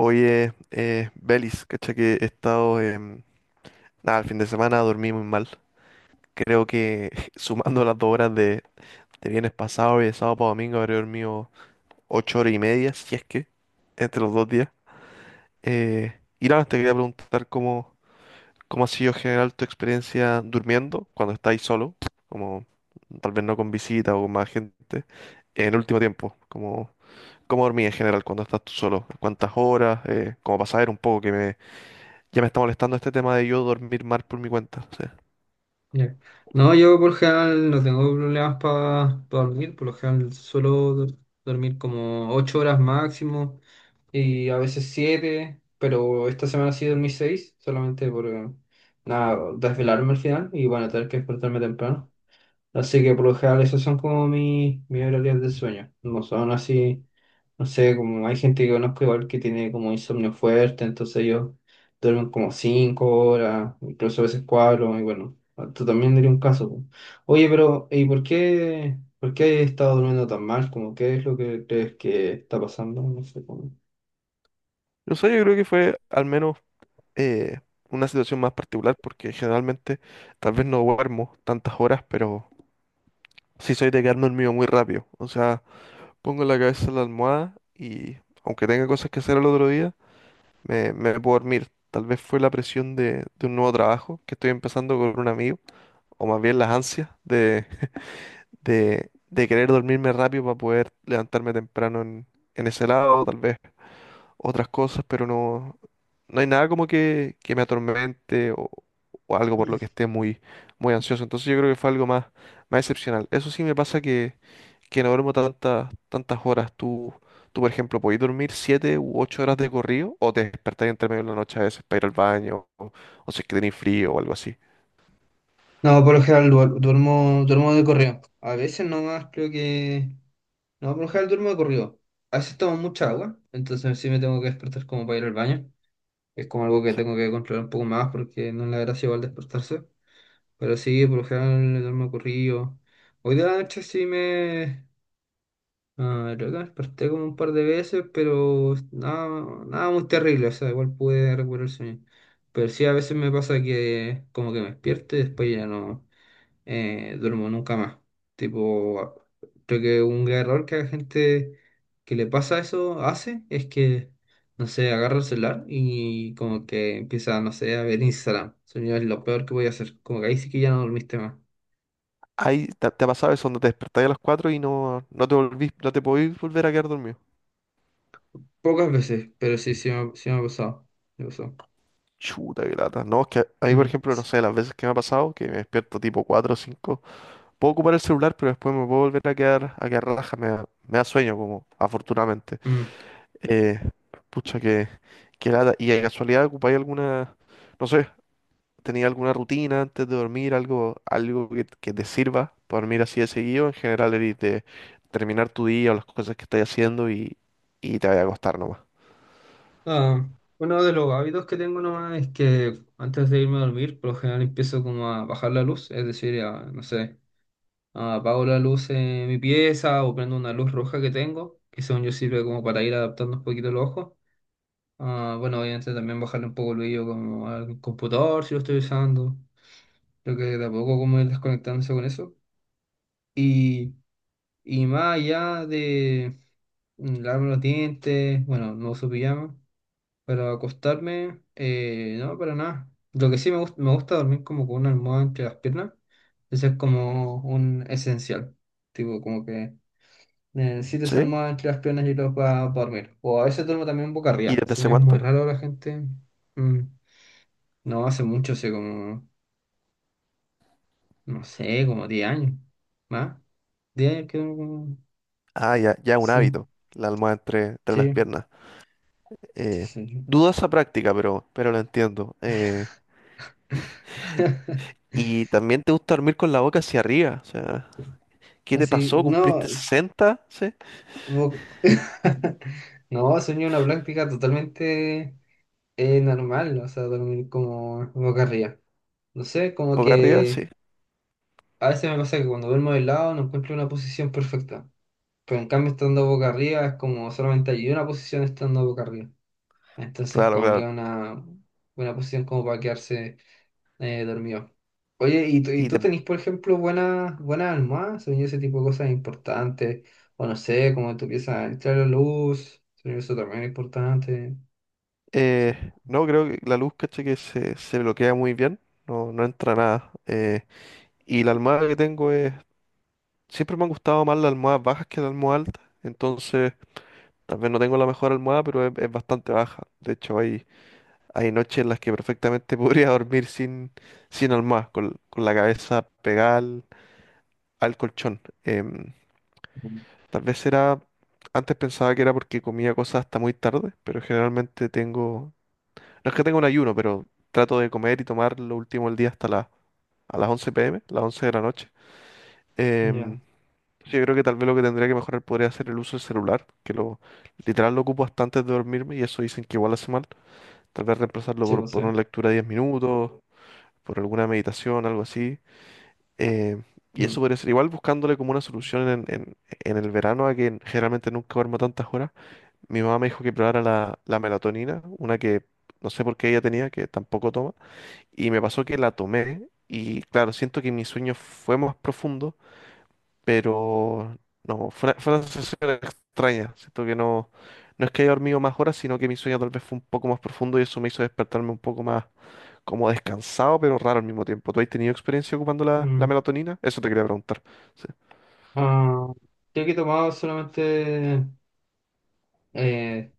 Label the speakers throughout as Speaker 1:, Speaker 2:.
Speaker 1: Oye, Belis, cacha que he estado, nada, el fin de semana dormí muy mal. Creo que sumando las dos horas de viernes pasado y de sábado para domingo habré dormido ocho horas y media, si es que, entre los dos días. Eh, y nada, te quería preguntar cómo ha sido en general tu experiencia durmiendo cuando estáis solo, como tal vez no con visita o con más gente, en el último tiempo, como cómo dormí en general cuando estás tú solo, cuántas horas, cómo pasar un poco que me ya me está molestando este tema de yo dormir mal por mi cuenta. O sea,
Speaker 2: Ya. No, yo por lo general no tengo problemas para dormir, por lo general suelo dormir como 8 horas máximo y a veces siete, pero esta semana sí dormí 6 solamente por nada, desvelarme al final y bueno, tener que despertarme temprano. Así que por lo general esos son como mis horarios de sueño. No son así, no sé, como hay gente que conozco igual que tiene como insomnio fuerte, entonces ellos duermen como cinco horas, incluso a veces cuatro, y bueno, tú también diría un caso. Po. Oye, pero ¿y por qué he estado durmiendo tan mal? Como, ¿qué es lo que crees que está pasando? No sé cómo.
Speaker 1: yo sé, yo creo que fue al menos eh, una situación más particular porque generalmente tal vez no duermo tantas horas, pero sí soy de quedarme dormido muy rápido. O sea, pongo la cabeza en la almohada y aunque tenga cosas que hacer al otro día, me puedo dormir. Tal vez fue la presión de un nuevo trabajo que estoy empezando con un amigo, o más bien las ansias de querer dormirme rápido para poder levantarme temprano en ese lado, tal vez. Otras cosas, pero no, no hay nada como que me atormente o algo por lo que esté muy ansioso. Entonces yo creo que fue algo más excepcional. Eso sí me pasa que no duermo tantas horas. Tú, por ejemplo, podés dormir siete u ocho horas de corrido o te despertás entre medio de la noche a veces para ir al baño o si es que tenés frío o algo así.
Speaker 2: No, por lo general duermo, duermo de corrido. A veces nomás creo que... No, por lo general duermo de corrido. A veces tomo mucha agua, entonces sí me tengo que despertar como para ir al baño. Es como algo que tengo que controlar un poco más, porque no es la gracia igual despertarse. Pero sí, por lo general duermo de corrido. Hoy de la noche sí me... Ah, creo que me desperté como un par de veces, pero nada, nada muy terrible, o sea, igual pude recuperar el sueño. Pero sí, a veces me pasa que como que me despierto y después ya no duermo nunca más. Tipo, creo que un gran error que la gente que le pasa eso hace es que, no sé, agarra el celular y como que empieza, no sé, a ver Instagram. Eso ya es lo peor que voy a hacer. Como que ahí sí que ya no dormiste más.
Speaker 1: Ahí te ha pasado eso, donde te despertás a las cuatro y no, no te volvís, no te podís volver a quedar dormido.
Speaker 2: Pocas veces, pero sí, sí me ha pasado. Me pasó.
Speaker 1: Chuta, qué lata. No, es que ahí, por
Speaker 2: Mm,
Speaker 1: ejemplo, no
Speaker 2: sí,
Speaker 1: sé, las veces que me ha pasado, que me despierto tipo 4 o 5 puedo ocupar el celular, pero después me puedo volver a quedar relajado, me da sueño, como, afortunadamente.
Speaker 2: mm.
Speaker 1: Eh, pucha, qué lata. ¿Y de casualidad ocupáis alguna, no sé, tenía alguna rutina antes de dormir, algo que te sirva para dormir así de seguido? En general, eres de terminar tu día o las cosas que estás haciendo y te vas a acostar nomás.
Speaker 2: Ah, uno de los hábitos que tengo nomás es que antes de irme a dormir, por lo general empiezo como a bajar la luz, es decir, a, no sé. Ah, apago la luz en mi pieza o prendo una luz roja que tengo, que según yo sirve como para ir adaptando un poquito los ojos. Ah, bueno, obviamente también bajarle un poco el brillo como al computador si lo estoy usando. Creo que de a poco como ir desconectándose con eso. Y, y más allá de lavarme los dientes, bueno, no uso pijama, pero acostarme, no, para nada. Lo que sí me gusta dormir como con una almohada entre las piernas. Eso es como un esencial. Tipo, como que necesito ser
Speaker 1: ¿Sí?
Speaker 2: más entre las piernas y los para dormir. O a veces duermo también boca
Speaker 1: ¿Y
Speaker 2: arriba.
Speaker 1: desde hace
Speaker 2: Sueño es muy
Speaker 1: cuánto?
Speaker 2: raro la gente. Mm. No, hace mucho, hace como, no sé, como 10 años. ¿Más? 10 años que duermo como-
Speaker 1: Ah, ya, ya un
Speaker 2: Sí,
Speaker 1: hábito, la almohada entre las
Speaker 2: sí,
Speaker 1: piernas.
Speaker 2: sí,
Speaker 1: Eh,
Speaker 2: sí. Sí.
Speaker 1: dudo esa práctica, pero lo entiendo. Y también te gusta dormir con la boca hacia arriba, o sea, ¿qué te
Speaker 2: Así,
Speaker 1: pasó? ¿Cumpliste
Speaker 2: no.
Speaker 1: 60, ¿sí?
Speaker 2: Bo- No, sueño una práctica totalmente normal. O sea, dormir como boca arriba. No sé, como
Speaker 1: ¿Boca arriba?
Speaker 2: que
Speaker 1: Sí,
Speaker 2: a veces me pasa que cuando duermo de lado no encuentro una posición perfecta. Pero en cambio, estando boca arriba, es como solamente hay una posición estando boca arriba. Entonces,
Speaker 1: claro,
Speaker 2: como que
Speaker 1: claro.
Speaker 2: una posición como para quedarse dormido. Oye, ¿y tú, y
Speaker 1: Y
Speaker 2: tú
Speaker 1: te-
Speaker 2: tenés, por ejemplo, buenas almohadas? Según yo, ese tipo de cosas importantes. O no sé, como tú empiezas a entrar la luz. Según yo, eso también es importante. Sí.
Speaker 1: no, creo que la luz, caché, que se bloquea muy bien, no, no entra nada. Y la almohada que tengo es... Siempre me han gustado más las almohadas bajas que las almohadas altas, entonces tal vez no tengo la mejor almohada, pero es bastante baja. De hecho, hay hay noches en las que perfectamente podría dormir sin almohada, con la cabeza pegada al colchón.
Speaker 2: Mm.
Speaker 1: Tal vez era, antes pensaba que era porque comía cosas hasta muy tarde, pero generalmente tengo, no es que tenga un ayuno, pero trato de comer y tomar lo último del día hasta las a las once p m las 11 de la noche.
Speaker 2: Ya,
Speaker 1: Em, yo creo que tal vez lo que tendría que mejorar podría ser el uso del celular, que lo literal lo ocupo hasta antes de dormirme y eso dicen que igual hace mal. Tal vez reemplazarlo
Speaker 2: sí, pues sí.
Speaker 1: por una lectura de 10 minutos, por alguna meditación, algo así. eh, y eso
Speaker 2: Mm,
Speaker 1: podría ser igual buscándole como una solución en el verano, a que generalmente nunca duermo tantas horas. Mi mamá me dijo que probara la melatonina, una que no sé por qué ella tenía, que tampoco toma. Y me pasó que la tomé y claro, siento que mi sueño fue más profundo, pero no, fue una sensación extraña. Siento que no, no es que haya dormido más horas, sino que mi sueño tal vez fue un poco más profundo y eso me hizo despertarme un poco más como descansado, pero raro al mismo tiempo. ¿Tú has tenido experiencia ocupando la
Speaker 2: mm.
Speaker 1: melatonina? Eso te quería preguntar. Sí.
Speaker 2: Ah, creo que he tomado solamente eh,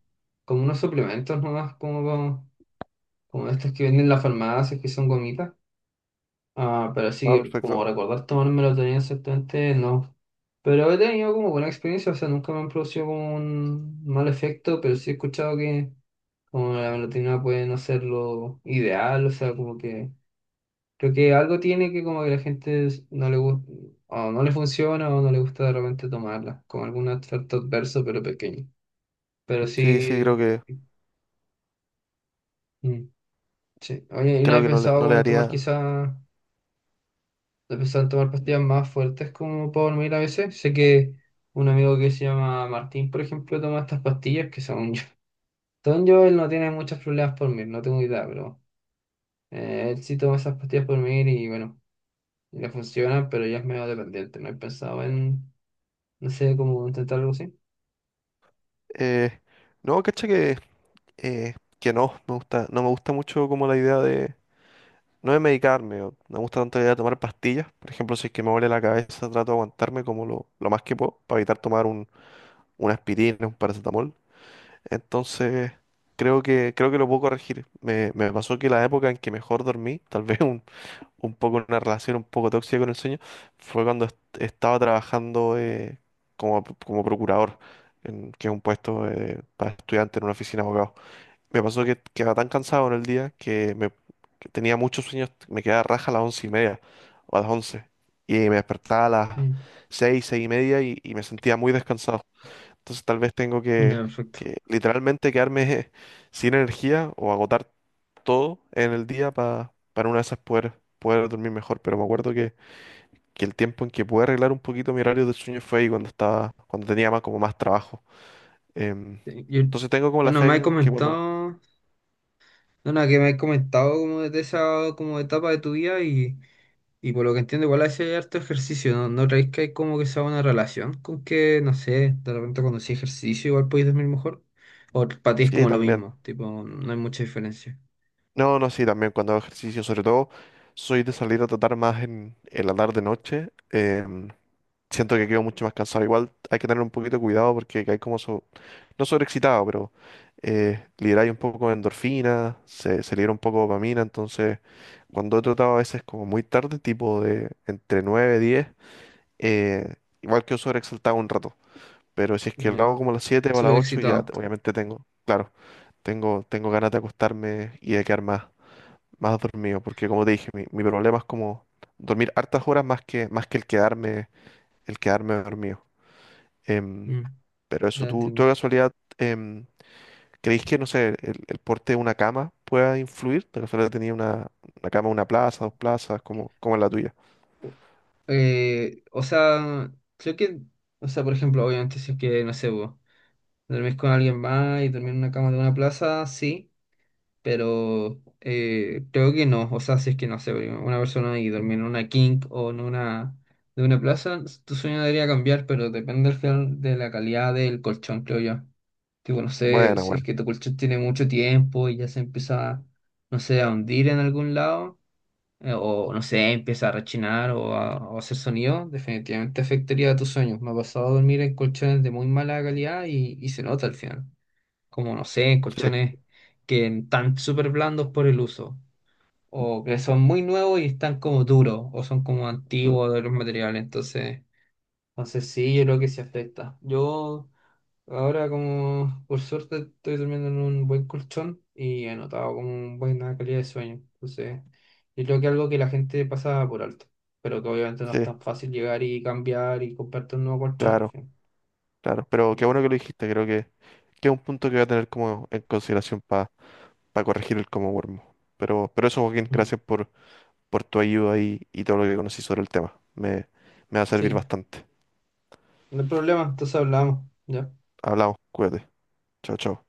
Speaker 2: como unos suplementos nomás, como, como estas que venden en la farmacia, que son gomitas. Ah, pero
Speaker 1: Ah,
Speaker 2: sí, como
Speaker 1: perfecto.
Speaker 2: recordar tomármelo tenía exactamente, no. Pero he tenido como buena experiencia, o sea, nunca me han producido como un mal efecto, pero sí he escuchado que como la melatonina puede no ser lo ideal, o sea, como que creo que algo tiene que como que no le gusta, o no le funciona, o no le gusta de repente tomarla, como algún efecto adverso, pero pequeño. Pero
Speaker 1: Sí, sí,
Speaker 2: sí, mm, sí. Oye, ¿y no
Speaker 1: creo
Speaker 2: he
Speaker 1: que no
Speaker 2: pensado
Speaker 1: no le
Speaker 2: como en tomar
Speaker 1: haría.
Speaker 2: quizás? Empezaron a tomar pastillas más fuertes como para dormir a veces. Sé que un amigo que se llama Martín, por ejemplo, toma estas pastillas que son yo. Según yo, él no tiene muchos problemas por dormir, no tengo idea, pero él sí toma esas pastillas por dormir y bueno, y le funciona, pero ya es medio dependiente. No he pensado en, no sé, cómo intentar algo así.
Speaker 1: eh, no, cacha que no, me gusta, no me gusta mucho como la idea de. No de medicarme, o no me gusta tanto la idea de tomar pastillas. Por ejemplo, si es que me duele la cabeza, trato de aguantarme como lo más que puedo, para evitar tomar un, una aspirina, un paracetamol. Entonces, creo que lo puedo corregir. Me pasó que la época en que mejor dormí, tal vez un poco una relación un poco tóxica con el sueño fue cuando estaba trabajando como, como procurador, en, que es un puesto para estudiante en una oficina de abogados. Me pasó que quedaba tan cansado en el día que tenía muchos sueños, me quedaba raja a las once y media o a las once y me despertaba a las
Speaker 2: Mm.
Speaker 1: seis, seis y media y me sentía muy descansado. Entonces tal vez tengo
Speaker 2: Ya, perfecto.
Speaker 1: que literalmente quedarme sin energía o agotar todo en el día para una de esas poder dormir mejor. Pero me acuerdo que el tiempo en que pude arreglar un poquito mi horario de sueño fue ahí cuando estaba, cuando tenía más como más trabajo. Em,
Speaker 2: Sí, yo-
Speaker 1: entonces tengo como la
Speaker 2: bueno,
Speaker 1: fe
Speaker 2: me has
Speaker 1: que cuando...
Speaker 2: comentado, no, nada, que me has comentado como de esa como etapa de tu vida y... Y por lo que entiendo, igual hace harto ejercicio, ¿no? ¿No creéis que hay como que sea una relación con que, no sé, de repente cuando hacéis ejercicio igual podéis dormir mejor? ¿O para ti es
Speaker 1: Sí,
Speaker 2: como lo
Speaker 1: también.
Speaker 2: mismo? Tipo, no hay mucha diferencia.
Speaker 1: No, no, sí, también cuando hago ejercicio, sobre todo soy de salir a tratar más en la tarde-noche. Siento que quedo mucho más cansado. Igual hay que tener un poquito de cuidado porque hay como, no sobreexcitado, pero liberáis un poco de endorfina, se libera un poco de dopamina. Entonces, cuando he tratado a veces como muy tarde, tipo de entre 9 y 10, eh, igual que sobreexaltado un rato. Pero si es que lo
Speaker 2: Ya.
Speaker 1: hago como a las 7 o a las
Speaker 2: Súper
Speaker 1: 8 ya
Speaker 2: excitado.
Speaker 1: obviamente tengo, claro, tengo ganas de acostarme y de quedar más dormido. Porque como te dije, mi problema es como dormir hartas horas más que el quedarme dormido. Em,
Speaker 2: Mm,
Speaker 1: pero eso,
Speaker 2: ya
Speaker 1: ¿tú
Speaker 2: entiendo.
Speaker 1: de casualidad em, creéis que, no sé, el porte de una cama pueda influir? De casualidad tenía una cama, una plaza, dos plazas, como, como es la tuya.
Speaker 2: O- o sea, creo que, o sea, por ejemplo, obviamente si es que, no sé, vos dormís con alguien más y dormir en una cama de una plaza, sí. Pero creo que no. O sea, si es que no sé, una persona y dormir en una king o en una de una plaza, tu sueño debería cambiar, pero depende al final de la calidad del colchón, creo yo. Tipo, no sé,
Speaker 1: Bueno,
Speaker 2: si es
Speaker 1: bueno.
Speaker 2: que tu colchón tiene mucho tiempo y ya se empieza, no sé, a hundir en algún lado, o no sé, empieza a rechinar o o a hacer sonido, definitivamente afectaría a tus sueños. Me ha pasado a dormir en colchones de muy mala calidad y se nota al final como no sé,
Speaker 1: Sí,
Speaker 2: colchones que están súper blandos por el uso, o que son muy nuevos y están como duros, o son como
Speaker 1: du-
Speaker 2: antiguos de los materiales, entonces sí, yo creo que sí afecta. Yo ahora como por suerte estoy durmiendo en un buen colchón y he notado como una buena calidad de sueño, entonces yo creo que es algo que la gente pasa por alto, pero que obviamente no es
Speaker 1: sí,
Speaker 2: tan fácil llegar y cambiar y comprarte un nuevo colchón al
Speaker 1: claro,
Speaker 2: fin.
Speaker 1: claro. Pero qué
Speaker 2: Mm.
Speaker 1: bueno que lo dijiste, que es un punto que voy a tener como en consideración para corregir el comodormo. Pero eso, Joaquín,
Speaker 2: Mm.
Speaker 1: gracias por tu ayuda y todo lo que conocí sobre el tema. Me va a servir
Speaker 2: Sí,
Speaker 1: bastante.
Speaker 2: no hay problema, entonces hablamos. ¿Ya?
Speaker 1: Hablamos, cuídate. Chao, chao.